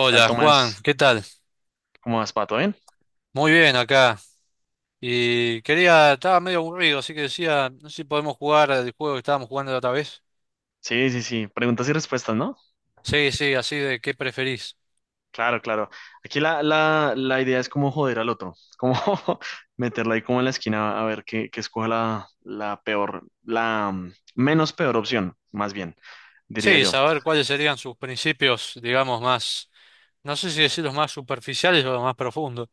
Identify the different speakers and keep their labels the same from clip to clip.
Speaker 1: ¿Qué tal,
Speaker 2: Juan,
Speaker 1: Tomás?
Speaker 2: ¿qué tal?
Speaker 1: ¿Cómo vas, Pato? ¿Bien?
Speaker 2: Muy bien acá. Y quería, estaba medio aburrido, así que decía, no sé si podemos jugar al juego que estábamos jugando la otra vez.
Speaker 1: Sí, sí, sí. Preguntas y respuestas, ¿no?
Speaker 2: Sí, sí, así de qué preferís.
Speaker 1: Claro, claro. Aquí la idea es como joder al otro, como meterla ahí como en la esquina a ver qué escoja la peor, la menos peor opción, más bien, diría
Speaker 2: Sí,
Speaker 1: yo.
Speaker 2: saber cuáles serían sus principios, digamos, más, no sé si decir los más superficiales o los más profundos.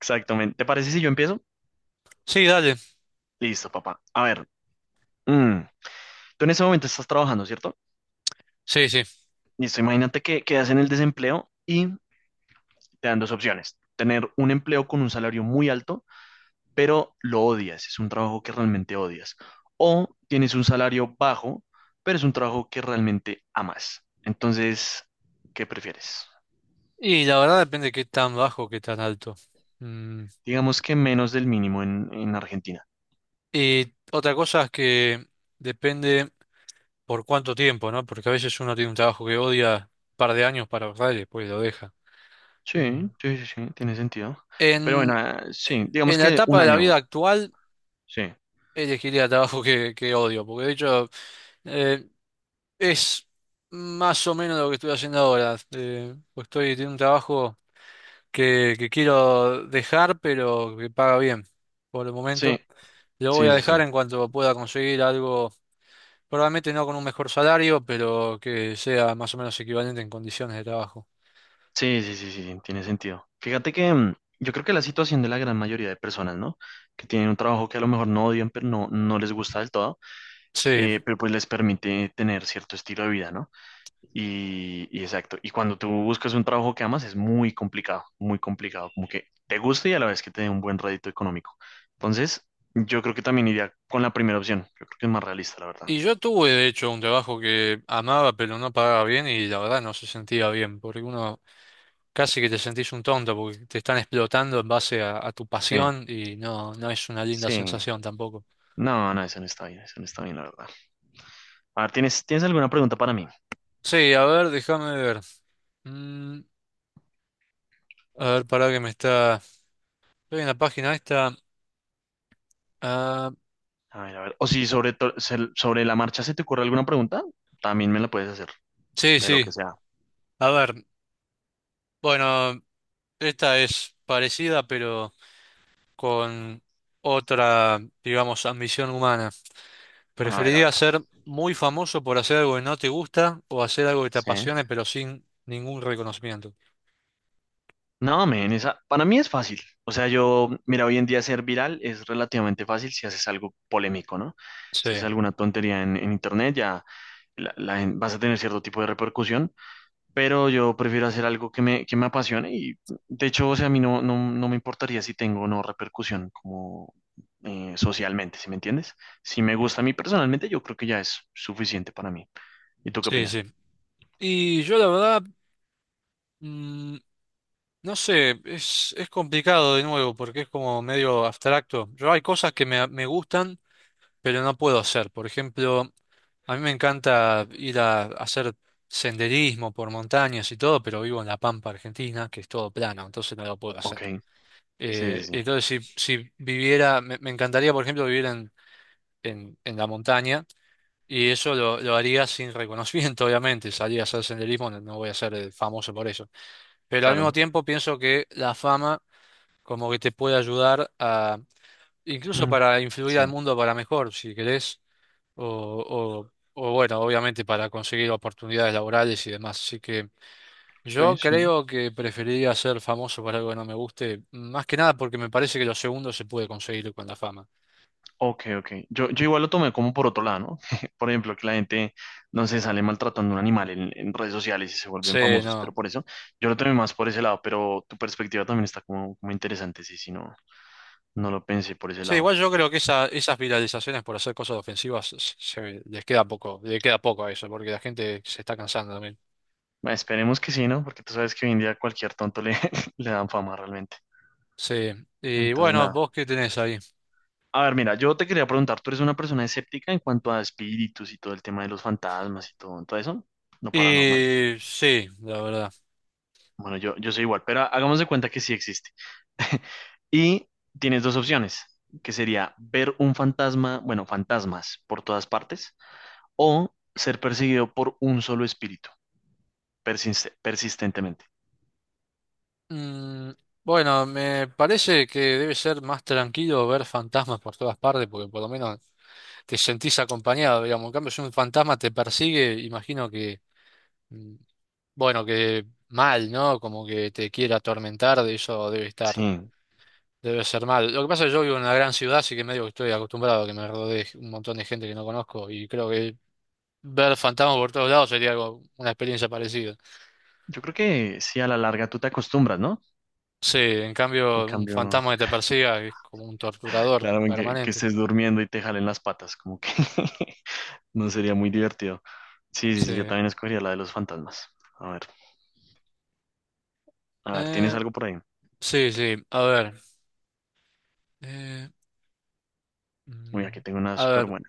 Speaker 1: Exactamente. ¿Te parece si yo empiezo?
Speaker 2: Sí, dale.
Speaker 1: Listo, papá. A ver, mm, tú en ese momento estás trabajando, ¿cierto?
Speaker 2: Sí, sí.
Speaker 1: Listo, imagínate que quedas en el desempleo y te dan dos opciones. Tener un empleo con un salario muy alto pero lo odias, es un trabajo que realmente odias. O tienes un salario bajo, pero es un trabajo que realmente amas. Entonces, ¿qué prefieres?
Speaker 2: Y la verdad depende de qué tan bajo, qué tan alto. Mm,
Speaker 1: Digamos que menos del mínimo en Argentina.
Speaker 2: Y otra cosa es que depende por cuánto tiempo, ¿no? Porque a veces uno tiene un trabajo que odia un par de años para ahorrar y después lo deja. Mm.
Speaker 1: Sí, sí, sí, sí, tiene sentido. Pero bueno,
Speaker 2: En,
Speaker 1: sí,
Speaker 2: en
Speaker 1: digamos
Speaker 2: la
Speaker 1: que
Speaker 2: etapa
Speaker 1: un
Speaker 2: de la
Speaker 1: año.
Speaker 2: vida actual,
Speaker 1: Sí,
Speaker 2: elegiría el trabajo que odio, porque de hecho eh, es más o menos lo que estoy haciendo ahora. Pues estoy en un trabajo que quiero dejar, pero que paga bien por el
Speaker 1: sí,
Speaker 2: momento. Lo voy
Speaker 1: sí,
Speaker 2: a
Speaker 1: sí, sí.
Speaker 2: dejar en cuanto pueda conseguir algo, probablemente no con un mejor salario, pero que sea más o menos equivalente en condiciones de trabajo.
Speaker 1: Sí, sí, sí, sí, sí, tiene sentido. Fíjate que yo creo que la situación de la gran mayoría de personas, ¿no? Que tienen un trabajo que a lo mejor no odian, pero no, no les gusta del todo,
Speaker 2: Sí,
Speaker 1: pero pues les permite tener cierto estilo de vida, ¿no? Y exacto, y cuando tú buscas un trabajo que amas es muy complicado, como que te guste y a la vez que te dé un buen rédito económico. Entonces, yo creo que también iría con la primera opción, yo creo que es más realista, la verdad.
Speaker 2: y yo tuve de hecho un trabajo que amaba pero no pagaba bien y la verdad no se sentía bien, porque uno casi que te sentís un tonto porque te están explotando en base a tu
Speaker 1: Sí,
Speaker 2: pasión y no, no es una linda
Speaker 1: sí.
Speaker 2: sensación tampoco.
Speaker 1: No, no, eso no está bien, eso no está bien, la verdad. A ver, ¿tienes, ¿tienes alguna pregunta para mí?
Speaker 2: Sí, a ver, déjame ver. Mm, a ver, pará que me está... Estoy en la página esta. Ah,
Speaker 1: A ver, a ver. O si sobre la marcha se te ocurre alguna pregunta, también me la puedes hacer,
Speaker 2: sí,
Speaker 1: de lo
Speaker 2: sí.
Speaker 1: que sea.
Speaker 2: A ver, bueno, esta es parecida pero con otra, digamos, ambición humana.
Speaker 1: A ver, a ver.
Speaker 2: ¿Preferirías ser muy famoso por hacer algo que no te gusta o hacer algo que te
Speaker 1: Sí.
Speaker 2: apasione pero sin ningún reconocimiento?
Speaker 1: No, men, esa, para mí es fácil. O sea, yo, mira, hoy en día ser viral es relativamente fácil si haces algo polémico, ¿no?
Speaker 2: Sí,
Speaker 1: Si haces alguna tontería en internet, ya vas a tener cierto tipo de repercusión, pero yo prefiero hacer algo que que me apasione y, de hecho, o sea, a mí no me importaría si tengo o no repercusión como socialmente, ¿sí me entiendes? Si me gusta a mí personalmente, yo creo que ya es suficiente para mí. ¿Y tú qué
Speaker 2: sí,
Speaker 1: opinas?
Speaker 2: sí. Y yo la verdad... Mm, no sé, es complicado de nuevo porque es como medio abstracto. Yo hay cosas que me gustan, pero no puedo hacer. Por ejemplo, a mí me encanta ir a, hacer senderismo por montañas y todo, pero vivo en La Pampa, Argentina, que es todo plano, entonces no lo puedo
Speaker 1: Ok,
Speaker 2: hacer.
Speaker 1: sí, sí, sí,
Speaker 2: Entonces, si viviera, me encantaría, por ejemplo, vivir en, en la montaña y eso lo haría sin reconocimiento, obviamente. Salir a hacer senderismo, no no voy a ser famoso por eso. Pero al mismo
Speaker 1: claro.
Speaker 2: tiempo pienso que la fama como que te puede ayudar a, incluso
Speaker 1: Mm,
Speaker 2: para influir
Speaker 1: sí,
Speaker 2: al
Speaker 1: ok,
Speaker 2: mundo para mejor, si querés, o, o bueno, obviamente para conseguir oportunidades laborales y demás. Así que yo
Speaker 1: sí.
Speaker 2: creo que preferiría ser famoso por algo que no me guste, más que nada porque me parece que lo segundo se puede conseguir con la fama.
Speaker 1: Ok, ok. Yo igual lo tomé como por otro lado, ¿no? Por ejemplo, que la gente, no sé, sale maltratando a un animal en redes sociales y se vuelven
Speaker 2: Sí,
Speaker 1: famosos,
Speaker 2: no.
Speaker 1: pero por eso yo lo tomé más por ese lado, pero tu perspectiva también está como, como interesante, sí, sí, no, no lo pensé por ese
Speaker 2: Sí,
Speaker 1: lado.
Speaker 2: igual yo creo que esa, esas viralizaciones por hacer cosas ofensivas se, se- les queda poco, le queda poco a eso, porque la gente se está cansando también.
Speaker 1: Bueno, esperemos que sí, ¿no? Porque tú sabes que hoy en día cualquier tonto le dan fama realmente.
Speaker 2: Sí, y
Speaker 1: Entonces,
Speaker 2: bueno,
Speaker 1: nada.
Speaker 2: ¿vos qué tenés ahí?
Speaker 1: A ver, mira, yo te quería preguntar, ¿tú eres una persona escéptica en cuanto a espíritus y todo el tema de los fantasmas y todo, todo eso? ¿No paranormal?
Speaker 2: Y sí, la verdad.
Speaker 1: Bueno, yo soy igual, pero hagamos de cuenta que sí existe. Y tienes dos opciones, que sería ver un fantasma, bueno, fantasmas por todas partes, o ser perseguido por un solo espíritu, persistentemente.
Speaker 2: Mm, bueno, me parece que debe ser más tranquilo ver fantasmas por todas partes, porque por lo menos te sentís acompañado, digamos. En cambio, si un fantasma te persigue, imagino que, mm, bueno, que mal, ¿no? Como que te quiera atormentar, de eso debe estar,
Speaker 1: Sí,
Speaker 2: debe ser mal. Lo que pasa es que yo vivo en una gran ciudad, así que medio que estoy acostumbrado a que me rodee un montón de gente que no conozco, y creo que ver fantasmas por todos lados sería algo, una experiencia parecida.
Speaker 1: yo creo que sí, a la larga tú te acostumbras, ¿no?
Speaker 2: Sí, en
Speaker 1: En
Speaker 2: cambio, un
Speaker 1: cambio,
Speaker 2: fantasma que te persiga es como un torturador
Speaker 1: claro, en que
Speaker 2: permanente.
Speaker 1: estés durmiendo y te jalen las patas, como que no sería muy divertido. Sí, sí,
Speaker 2: Sí.
Speaker 1: sí, yo también escogería la de los fantasmas. A ver, a ver, ¿tienes
Speaker 2: Eh,
Speaker 1: algo por ahí?
Speaker 2: sí, sí. A ver. eh,
Speaker 1: Uy,
Speaker 2: mm,
Speaker 1: aquí tengo una
Speaker 2: a
Speaker 1: súper
Speaker 2: ver.
Speaker 1: buena.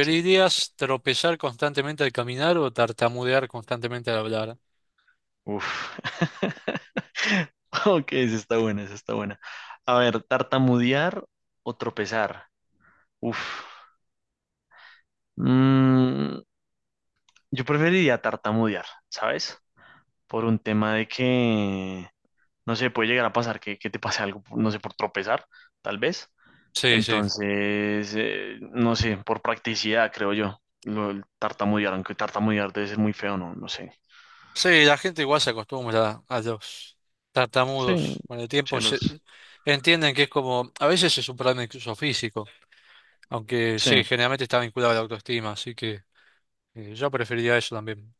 Speaker 1: Sí.
Speaker 2: tropezar constantemente al caminar o tartamudear constantemente al hablar?
Speaker 1: Uf. Ok, esa está buena, esa está buena. A ver, tartamudear o tropezar. Uf. Mm, yo preferiría tartamudear, ¿sabes? Por un tema de que, no sé, puede llegar a pasar que te pase algo, no sé, por tropezar, tal vez.
Speaker 2: Sí, sí.
Speaker 1: Entonces, no sé, por practicidad, creo yo. El tartamudear, aunque tartamudear debe ser muy feo, no, no sé.
Speaker 2: Sí, la gente igual se acostumbra a los
Speaker 1: Sí,
Speaker 2: tartamudos. Con el tiempo se-
Speaker 1: cielos.
Speaker 2: entienden que es como, a veces es un problema incluso físico, aunque
Speaker 1: Sí,
Speaker 2: sí, generalmente está vinculado a la autoestima, así que yo preferiría eso también.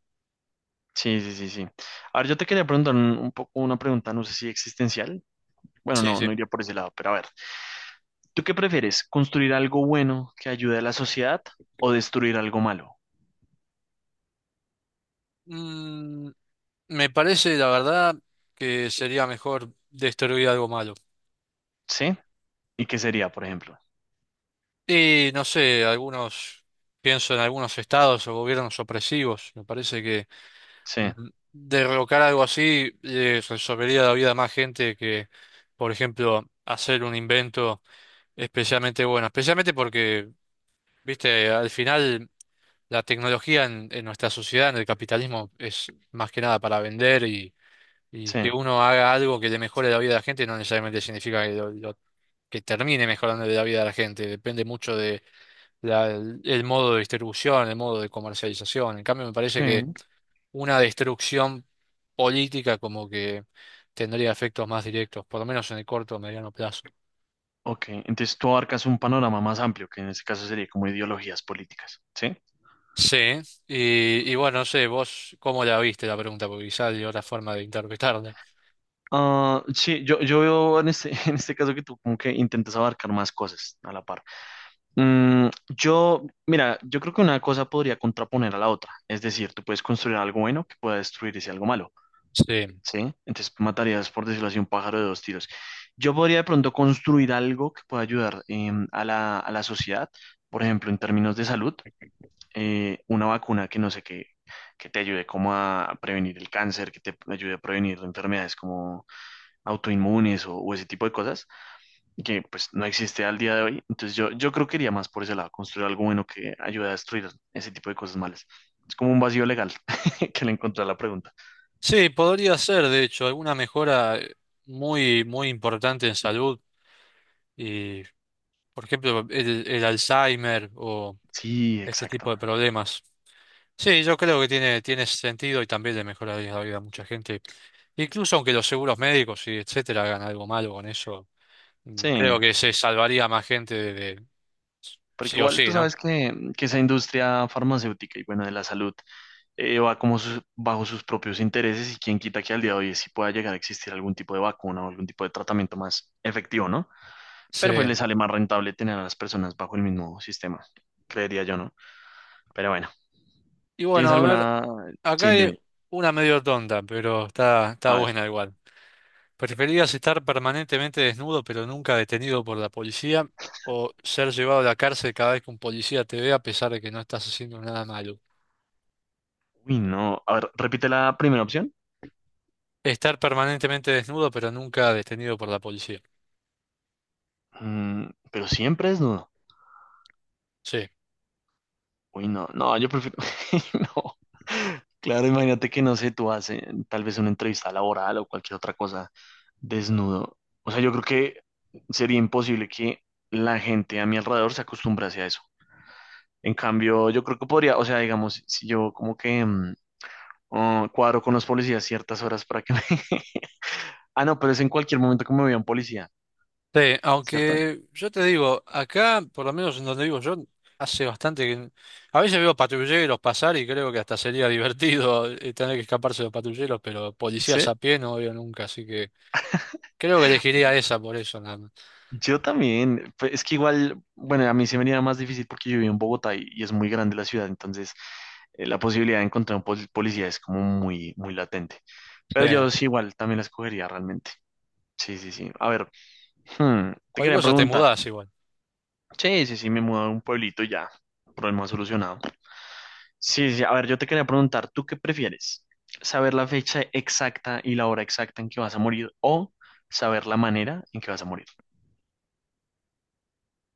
Speaker 1: sí, sí, sí, sí. A ver, yo te quería preguntar un poco una pregunta, no sé si existencial. Bueno,
Speaker 2: Sí,
Speaker 1: no, no
Speaker 2: sí.
Speaker 1: iría por ese lado, pero a ver, ¿tú qué prefieres? ¿Construir algo bueno que ayude a la sociedad o destruir algo malo?
Speaker 2: Mm, me parece, la verdad, que sería mejor destruir algo malo.
Speaker 1: ¿Sí? ¿Y qué sería, por ejemplo?
Speaker 2: Y no sé, algunos, pienso en algunos estados o gobiernos opresivos. Me parece que
Speaker 1: Sí,
Speaker 2: derrocar algo así le resolvería la vida a más gente que, por ejemplo, hacer un invento especialmente bueno. Especialmente porque, viste, al final la tecnología en nuestra sociedad, en el capitalismo, es más que nada para vender. Y
Speaker 1: sí,
Speaker 2: que uno haga algo que le mejore la vida a la gente no necesariamente significa que, lo- que termine mejorando la vida de la gente. Depende mucho de la- el modo de distribución, el modo de comercialización. En cambio, me parece
Speaker 1: sí.
Speaker 2: que una destrucción política como que tendría efectos más directos, por lo menos en el corto o mediano plazo.
Speaker 1: Ok, entonces tú abarcas un panorama más amplio, que en este caso sería como ideologías políticas, ¿sí?
Speaker 2: Sí, y bueno, no sé, vos cómo la viste la pregunta, porque quizás hay otra forma de interpretarla.
Speaker 1: Ah, sí, yo veo en este, en este caso que tú como que intentas abarcar más cosas a la par. Mm, yo, mira, yo creo que una cosa podría contraponer a la otra, es decir, tú puedes construir algo bueno que pueda destruir ese algo malo.
Speaker 2: Sí.
Speaker 1: ¿Sí? Entonces matarías, por decirlo así, un pájaro de dos tiros. Yo podría de pronto construir algo que pueda ayudar em, a a la sociedad, por ejemplo, en términos de salud, una vacuna que no sé qué, que te ayude como a prevenir el cáncer, que te ayude a prevenir enfermedades como autoinmunes o ese tipo de cosas, que pues no existe al día de hoy. Entonces yo creo que iría más por ese lado, construir algo bueno que ayude a destruir ese tipo de cosas malas. Es como un vacío legal que le encontré a la pregunta.
Speaker 2: Sí, podría ser, de hecho, alguna mejora muy, muy importante en salud. Y, por ejemplo, el Alzheimer o
Speaker 1: Sí,
Speaker 2: este tipo
Speaker 1: exacto.
Speaker 2: de problemas. Sí, yo creo que tiene, tiene sentido y también le mejoraría la vida a mucha gente. Incluso aunque los seguros médicos y etcétera hagan algo malo con eso,
Speaker 1: Sí.
Speaker 2: creo que se salvaría más gente de-
Speaker 1: Porque
Speaker 2: sí o
Speaker 1: igual tú
Speaker 2: sí, ¿no?
Speaker 1: sabes que esa industria farmacéutica y bueno, de la salud, va como bajo sus propios intereses y quién quita que al día de hoy sí pueda llegar a existir algún tipo de vacuna o algún tipo de tratamiento más efectivo, ¿no?
Speaker 2: Sí.
Speaker 1: Pero pues le sale más rentable tener a las personas bajo el mismo sistema, creería yo, ¿no? Pero bueno,
Speaker 2: Y bueno,
Speaker 1: ¿tienes
Speaker 2: a ver,
Speaker 1: alguna?
Speaker 2: acá
Speaker 1: Sí, dime.
Speaker 2: hay una medio tonta, pero está, está
Speaker 1: A ver,
Speaker 2: buena igual. ¿Preferías estar permanentemente desnudo pero nunca detenido por la policía o ser llevado a la cárcel cada vez que un policía te ve a pesar de que no estás haciendo nada malo?
Speaker 1: uy, no. A ver, repite la primera opción.
Speaker 2: Estar permanentemente desnudo pero nunca detenido por la policía.
Speaker 1: Mm, pero siempre es dudo.
Speaker 2: Sí.
Speaker 1: Uy, no, no, yo prefiero, no. Claro, imagínate que no sé, tú haces tal vez una entrevista laboral o cualquier otra cosa desnudo. O sea, yo creo que sería imposible que la gente a mi alrededor se acostumbrase a eso. En cambio, yo creo que podría, o sea, digamos, si yo como que oh, cuadro con los policías ciertas horas para que me... Ah, no, pero es en cualquier momento que me vea un policía,
Speaker 2: Sí,
Speaker 1: ¿cierto?
Speaker 2: aunque yo te digo, acá, por lo menos en donde vivo yo, hace bastante que... A veces veo patrulleros pasar y creo que hasta sería divertido tener que escaparse de los patrulleros, pero
Speaker 1: Sí.
Speaker 2: policías a pie no veo nunca, así que creo que elegiría esa por eso nada más.
Speaker 1: Yo también, pe- es que igual, bueno, a mí se me haría más difícil porque yo vivo en Bogotá y es muy grande la ciudad, entonces la posibilidad de encontrar un policía es como muy, muy latente. Pero yo
Speaker 2: Sí.
Speaker 1: sí igual también la escogería realmente. Sí, sí, sí. A ver, hmm, te
Speaker 2: Cualquier
Speaker 1: quería
Speaker 2: cosa te
Speaker 1: preguntar.
Speaker 2: mudás igual.
Speaker 1: Sí, sí, sí, me mudo a un pueblito y ya, problema solucionado. Sí, sí, a ver, yo te quería preguntar, ¿tú qué prefieres? ¿Saber la fecha exacta y la hora exacta en que vas a morir o saber la manera en que vas a morir?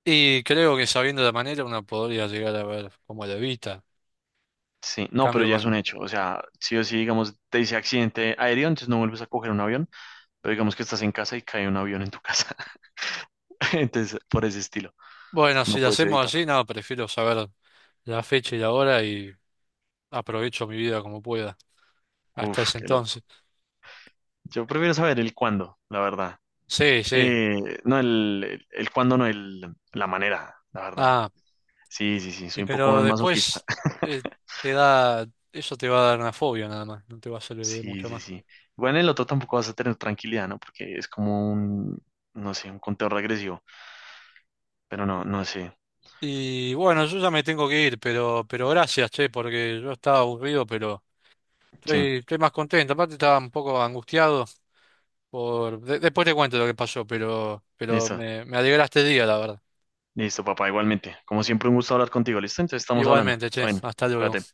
Speaker 2: Y creo que sabiendo la manera uno podría llegar a ver cómo lo evita.
Speaker 1: Sí, no, pero
Speaker 2: Cambio
Speaker 1: ya es un
Speaker 2: con...
Speaker 1: hecho. O sea, sí o sí, digamos, te dice accidente aéreo, entonces no vuelves a coger un avión, pero digamos que estás en casa y cae un avión en tu casa. Entonces, por ese estilo,
Speaker 2: Bueno,
Speaker 1: no
Speaker 2: si lo
Speaker 1: puedes
Speaker 2: hacemos
Speaker 1: evitarlo.
Speaker 2: así, no, prefiero saber la fecha y la hora y aprovecho mi vida como pueda. Hasta
Speaker 1: Uf,
Speaker 2: ese
Speaker 1: qué loco.
Speaker 2: entonces.
Speaker 1: Yo prefiero saber el cuándo, la verdad.
Speaker 2: Sí, sí.
Speaker 1: No, el cuándo, no, la manera, la verdad.
Speaker 2: Ah,
Speaker 1: Sí, sí, sí,
Speaker 2: y
Speaker 1: soy un poco
Speaker 2: pero
Speaker 1: más masoquista.
Speaker 2: después eh, te da... Eso te va a dar una fobia nada más, no te va a servir de
Speaker 1: Sí,
Speaker 2: mucho
Speaker 1: sí,
Speaker 2: más.
Speaker 1: sí. Bueno, el otro tampoco vas a tener tranquilidad, ¿no? Porque es como un, no sé, un conteo regresivo, pero no, no sé.
Speaker 2: Y bueno, yo ya me tengo que ir, pero gracias, che, porque yo estaba aburrido, pero
Speaker 1: Sí,
Speaker 2: estoy, estoy más contento. Aparte estaba un poco angustiado. Por... de- después te cuento lo que pasó, pero
Speaker 1: listo.
Speaker 2: me alegraste el día, la verdad.
Speaker 1: Listo, papá, igualmente. Como siempre, un gusto hablar contigo. ¿Listo? Entonces estamos hablando.
Speaker 2: Igualmente, che,
Speaker 1: Bueno,
Speaker 2: hasta luego.
Speaker 1: cuídate.